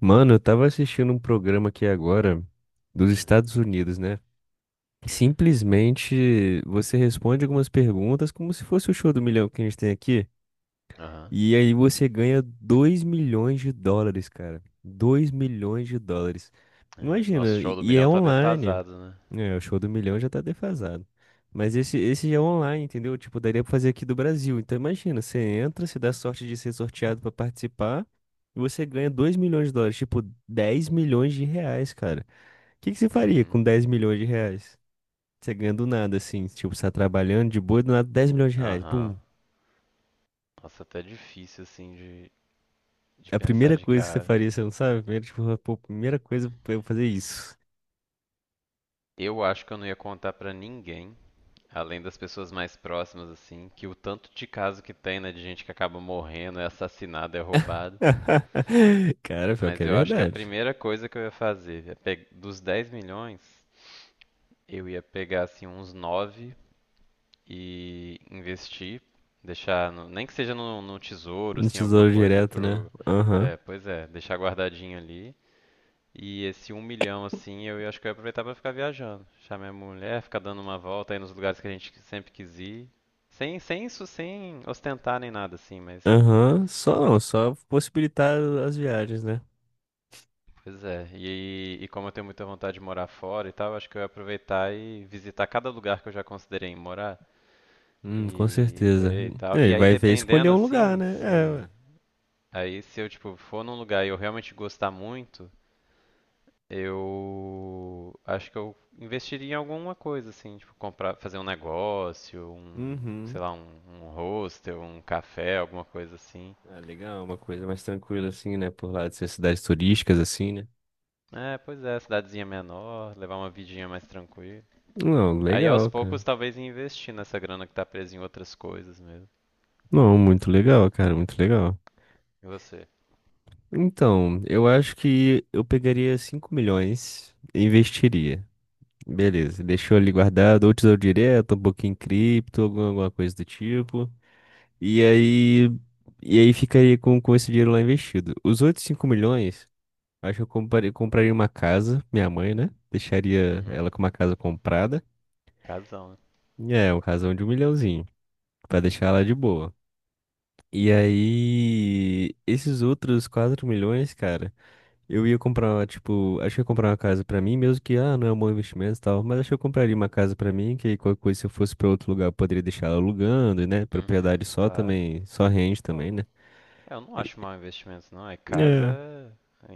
Mano, eu tava assistindo um programa aqui agora dos Hum, Estados Unidos, né? E uhum, simplesmente você responde algumas perguntas como se fosse o show do milhão que a gente tem aqui. aham. E aí você ganha 2 milhões de dólares, cara. 2 milhões de dólares. É, nosso Imagina, e show do e é milhão tá online. defasado, né? É, o show do milhão já tá defasado. Mas esse já é online, entendeu? Tipo, daria pra fazer aqui do Brasil. Então imagina, você entra, você dá sorte de ser sorteado pra participar e você ganha 2 milhões de dólares, tipo 10 milhões de reais, cara. O que que você faria Uhum, com 10 milhões de reais? Você ganha do nada, assim, tipo, você tá trabalhando de boa, e do nada 10 milhões de reais. Pum. aham. Nossa, até difícil assim de, A pensar primeira de coisa que você cara. faria, você não sabe? Primeiro, tipo, pô, primeira coisa pra eu fazer isso. Eu acho que eu não ia contar pra ninguém, além das pessoas mais próximas, assim, que o tanto de caso que tem, né, de gente que acaba morrendo, é assassinado, é roubado. Cara, pior que Mas é eu acho que a verdade. primeira coisa que eu ia fazer, dos 10 milhões, eu ia pegar, assim, uns 9 e investir, deixar, nem que seja no, tesouro, No assim, alguma Tesouro coisa Direto, né? pro, Aham. Pois é, deixar guardadinho ali. E esse um milhão, assim, acho que eu ia aproveitar pra ficar viajando, deixar minha mulher, ficar dando uma volta aí nos lugares que a gente sempre quis ir, sem isso, sem ostentar nem nada, assim, mas, Aham, só não, só possibilitar as viagens, né? pois é. E como eu tenho muita vontade de morar fora e tal, acho que eu ia aproveitar e visitar cada lugar que eu já considerei em morar Com e certeza. ver e tal. É, E e aí, vai ver escolher dependendo, um lugar, assim, né? É, se. ué. Aí se eu, tipo, for num lugar e eu realmente gostar muito, eu acho que eu investiria em alguma coisa, assim, tipo, comprar, fazer um negócio, um, Uhum. sei lá, um, hostel, um café, alguma coisa assim. Ah, legal, uma coisa mais tranquila assim, né? Por lá de ser cidades turísticas, assim, né? É, pois é, cidadezinha menor, levar uma vidinha mais tranquila. Não, Aí aos legal, cara. poucos talvez investir nessa grana que tá presa em outras coisas mesmo. Não, Em. muito legal, cara, muito legal. E você? Então, eu acho que eu pegaria 5 milhões e investiria. Beleza, deixou ali guardado, ou tesouro direto, um pouquinho em cripto, alguma coisa do tipo. E aí, e aí ficaria com esse dinheiro lá investido. Os outros 5 milhões, acho que eu compraria uma casa, minha mãe, né? Deixaria Uhum. ela com uma casa comprada. Casão, né? E é, um casão de um milhãozinho, pra deixar ela de boa. E aí, esses outros 4 milhões, cara, eu ia comprar, tipo, acho que eu ia comprar uma casa pra mim, mesmo que, ah, não é um bom investimento e tal, mas acho que eu compraria uma casa pra mim, que aí qualquer coisa, se eu fosse pra outro lugar, eu poderia deixar ela alugando, né? Uhum, Propriedade só claro. também, só rende Pô. também, né? É, eu não E- acho mau investimento, não. É casa. É.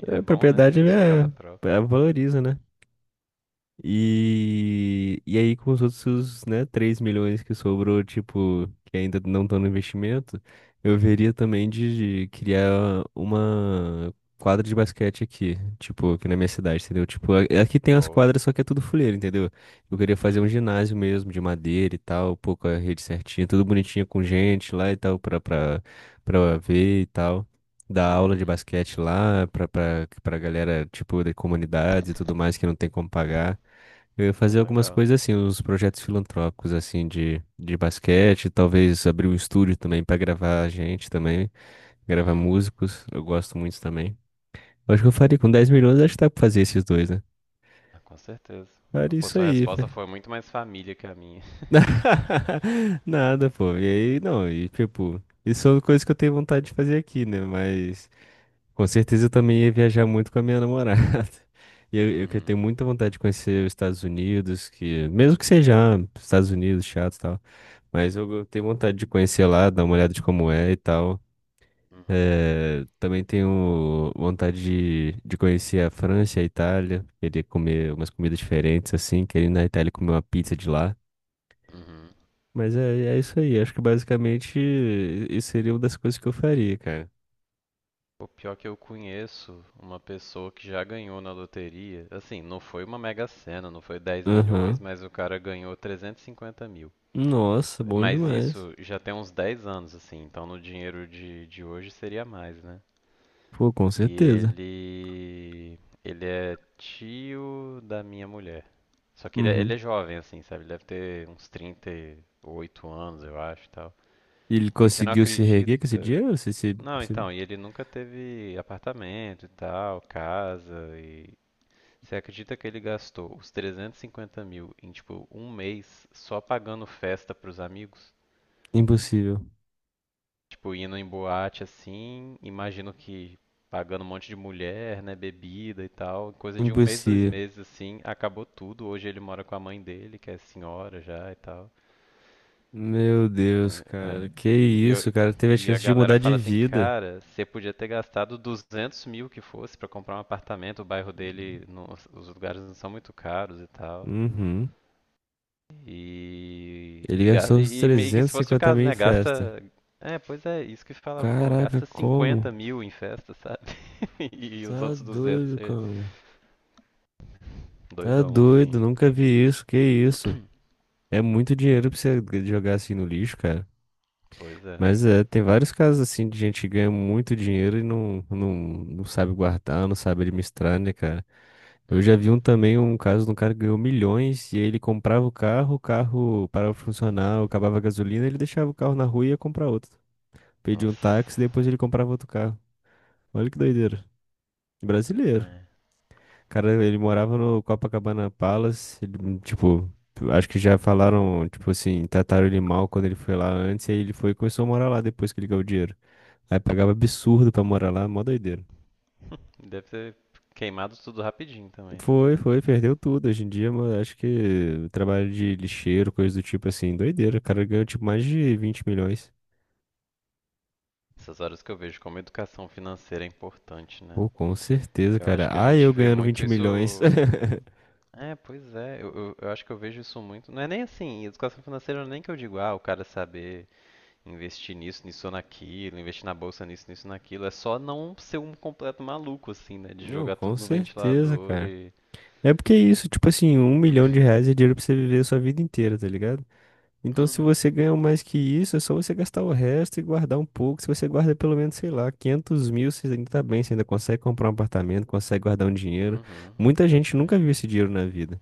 É A bom, né? Você propriedade ter sua é, casa própria. é valoriza, né? E aí, com os outros, né, 3 milhões que sobrou, tipo, que ainda não estão no investimento, eu veria também de criar uma quadra de basquete aqui, tipo, aqui na minha cidade, entendeu? Tipo, aqui tem as Boa. quadras, só que é tudo fuleiro, entendeu? Eu queria fazer um Uhum. ginásio mesmo, de madeira e tal, pô, com a rede certinha, tudo bonitinho com gente lá e tal, pra ver e tal. Dar aula de Uhum. basquete lá pra galera, tipo, de comunidades e tudo mais que não tem como pagar. Eu ia fazer Pô, algumas legal. coisas assim, uns projetos filantrópicos assim de basquete, talvez abrir um estúdio também pra gravar gente também, gravar Uhum. músicos, eu gosto muito também. Eu acho que eu faria com 10 milhões, acho que dá pra fazer esses dois, né? Ah, com certeza. Faria Pô, isso sua aí, fé. resposta foi muito mais família que a minha. Nada, pô. E aí, não, e tipo, isso são coisas que eu tenho vontade de fazer aqui, né? Mas com certeza eu também ia viajar muito com a minha namorada. E eu que Uhum. tenho muita vontade de conhecer os Estados Unidos, que mesmo que seja ah, Estados Unidos, chato, e tal. Mas eu tenho vontade de conhecer lá, dar uma olhada de como é e tal. Uhum. É, também tenho vontade de conhecer a França e a Itália. Queria comer umas comidas diferentes, assim. Queria ir na Itália comer uma pizza de lá. Uhum. Mas é isso aí. Acho que basicamente isso seria uma das coisas que eu faria, cara. O pior que eu conheço uma pessoa que já ganhou na loteria. Assim, não foi uma Mega Sena, não foi 10 milhões, Aham. mas o cara ganhou 350 mil. Nossa, bom Mas demais. isso já tem uns 10 anos, assim, então no dinheiro de hoje seria mais, né? Pô, com certeza. Ele é tio da minha mulher. Só que ele Uhum. é jovem, assim, sabe? Ele deve ter uns 38 anos, eu acho, e tal. E ele E você não conseguiu se reerguer com esse acredita. dinheiro? Ou Se, se, Não, se... então, e ele nunca teve apartamento e tal, casa, e. Você acredita que ele gastou os 350 mil em, tipo, um mês só pagando festa pros amigos? Impossível. Tipo, indo em boate assim, imagino que pagando um monte de mulher, né, bebida e tal, coisa de um mês, dois Impossível. meses assim, acabou tudo. Hoje ele mora com a mãe dele, que é senhora já e tal. Meu Deus, É, é, cara. Que E, eu- isso, cara. Teve a e a chance de galera mudar de fala assim, vida. cara, você podia ter gastado 200 mil que fosse pra comprar um apartamento. O bairro dele, os lugares não são muito caros e tal. Uhum. Ele gastou os E meio que se trezentos e fosse o cinquenta mil caso, em né? festa. Gasta. É, pois é, isso que falaram, pô, Caraca, gasta 50 como? mil em festa, sabe? E, os Tá outros 200 doido, você. cara. Tá Doidão, doido. assim. Nunca vi isso. Que isso? É muito dinheiro pra você jogar assim no lixo, cara. Pois é, né? Mas é, tem vários casos assim de gente que ganha muito dinheiro e não sabe guardar, não sabe administrar, né, cara? Eu já vi um Uhum. também, um caso de um cara que ganhou milhões e aí ele comprava o carro parava de funcionar, acabava a gasolina, ele deixava o carro na rua e ia comprar outro. Pedia Nossa. um táxi, depois ele comprava outro carro. Olha que doideira. Brasileiro. É. Cara, ele morava no Copacabana Palace, ele, tipo, acho que já falaram, tipo assim, trataram ele mal quando ele foi lá antes, e aí ele foi e começou a morar lá depois que ele ganhou o dinheiro. Aí pagava absurdo pra morar lá, mó doideira. Deve ter queimado tudo rapidinho também. Foi, foi, perdeu tudo. Hoje em dia, mano, acho que trabalho de lixeiro, coisa do tipo assim, doideira. O cara ganhou tipo mais de 20 milhões. Essas horas que eu vejo como educação financeira é importante, né? Pô, com certeza, Eu cara. acho que a Ah, eu gente vê ganhando muito 20 isso. milhões. É, pois é. Eu acho que eu vejo isso muito. Não é nem assim, educação financeira nem que eu digo, ah, o cara saber investir nisso, nisso ou naquilo, investir na bolsa nisso, nisso naquilo. É só não ser um completo maluco, assim, né? De Não, jogar com tudo no certeza, ventilador cara. e. É porque é isso, tipo assim, 1 milhão de reais é dinheiro pra você viver a sua vida inteira, tá ligado? Então, se Uhum, você ganha mais que isso, é só você gastar o resto e guardar um pouco. Se você guarda pelo menos, sei lá, 500 mil, você ainda tá bem, você ainda consegue comprar um apartamento, consegue guardar um dinheiro. uhum, Muita gente nunca exatamente. viu esse dinheiro na vida.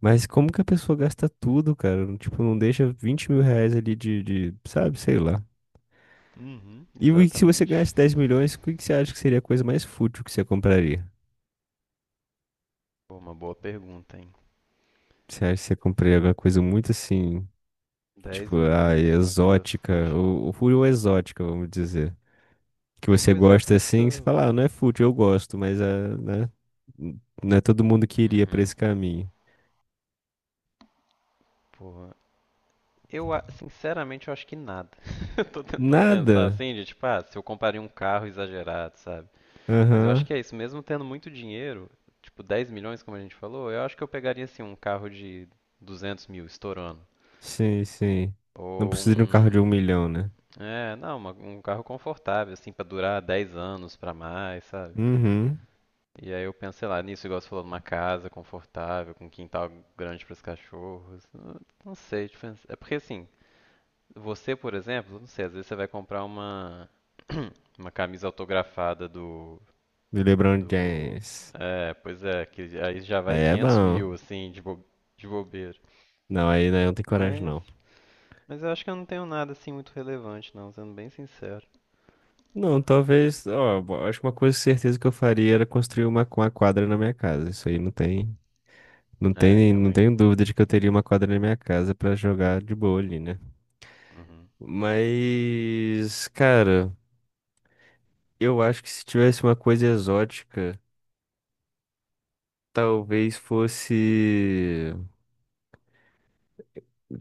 Mas como que a pessoa gasta tudo, cara? Tipo, não deixa 20 mil reais ali, sabe, sei lá. Uhum, E se você ganhasse exatamente. 10 milhões, o que que você acha que seria a coisa mais fútil que você compraria? Pô, uma boa pergunta, hein? Você acha que você compraria alguma coisa muito assim, Dez tipo, ah, milhões pra uma coisa exótica, fútil. ou exótica, vamos dizer. Que Pô, você pois é, gosta por isso que assim, você eu. fala, ah, não é fútil, eu gosto, mas ah, né? Não é todo mundo que iria pra Uhum. esse caminho. Porra. Sinceramente, eu acho que nada. Eu tô tentando pensar Nada? assim, de tipo, ah, se eu compraria um carro exagerado, sabe? Mas eu acho Aham, que é isso, mesmo tendo muito dinheiro, tipo 10 milhões, como a gente falou, eu acho que eu pegaria assim um carro de 200 mil estourando. sim, sim. Não Ou precisa de um carro de um um. milhão, né? É, não, um carro confortável, assim, pra durar 10 anos pra mais, sabe? Uhum. E aí eu penso, sei lá, nisso, igual você falou, numa casa confortável, com um quintal grande pros cachorros. Não sei, tipo, é porque assim, você, por exemplo, não sei, às vezes você vai comprar uma camisa autografada do, Do LeBron Do. James. É, pois é, que aí já vai Aí é 500 bom. mil, assim, de bobeira. Não, aí né, eu não tem coragem, Mas, não. Eu acho que eu não tenho nada, assim, muito relevante, não, sendo bem sincero. Não, talvez, ó, acho que uma coisa certeza que eu faria era construir uma quadra na minha casa. Isso aí não tem, não É, tem, não realmente. tenho dúvida de que eu teria uma quadra na minha casa pra jogar de boa ali, né? Uhum. Mas, cara, eu acho que se tivesse uma coisa exótica, talvez fosse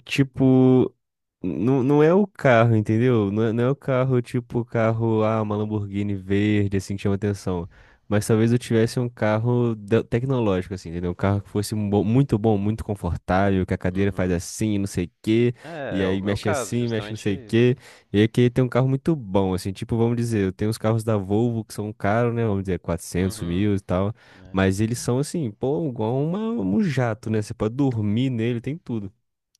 tipo... Não, não é o carro, entendeu? Não é o carro tipo carro, ah, uma Lamborghini verde, assim, que chama atenção. Mas talvez eu tivesse um carro tecnológico, assim, entendeu? Um carro que fosse um muito bom, muito confortável, que a cadeira faz Uhum. assim, não sei o quê, É, e é o aí meu mexe caso, assim, mexe não justamente sei o isso. quê. E aí eu queria ter um carro muito bom, assim, tipo, vamos dizer, eu tenho os carros da Volvo que são caros, né? Vamos dizer, quatrocentos Uhum. mil e tal. É. Mas eles são, assim, pô, igual um jato, né? Você pode dormir nele, tem tudo.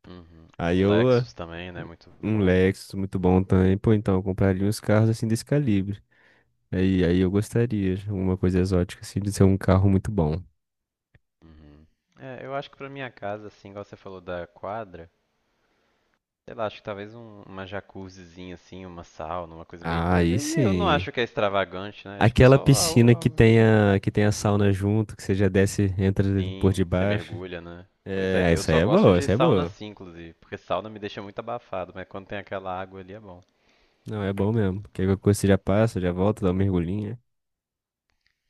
Uhum. Aí Um eu Lexus também, né? Muito um bom. Lexus muito bom também. Pô, então, eu compraria uns carros assim desse calibre. Aí eu gostaria, uma coisa exótica assim, de ser um carro muito bom. Uhum. É, eu acho que pra minha casa, assim, igual você falou da quadra, sei lá, acho que talvez uma jacuzzizinha, assim, uma sauna, uma coisa meio. Ah, Mas aí aí eu não sim. acho que é extravagante, né? Tipo, Aquela só piscina que algo. tenha, que tenha sauna junto, que você já desce, entra por Sim, você debaixo. mergulha, né? Pois é, É, eu essa aí só é gosto boa, de essa aí é sauna boa. assim, inclusive, porque sauna me deixa muito abafado, mas quando tem aquela água ali é bom. Não, é bom mesmo. Porque qualquer coisa você já passa, já volta, dá uma mergulhinha.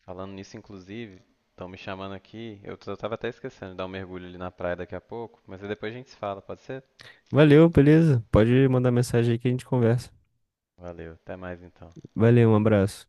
Falando nisso, inclusive, estão me chamando aqui, eu tava até esquecendo de dar um mergulho ali na praia daqui a pouco, mas aí depois a gente se fala, pode ser? Valeu, beleza? Pode mandar mensagem aí que a gente conversa. Valeu, até mais então. Valeu, um abraço.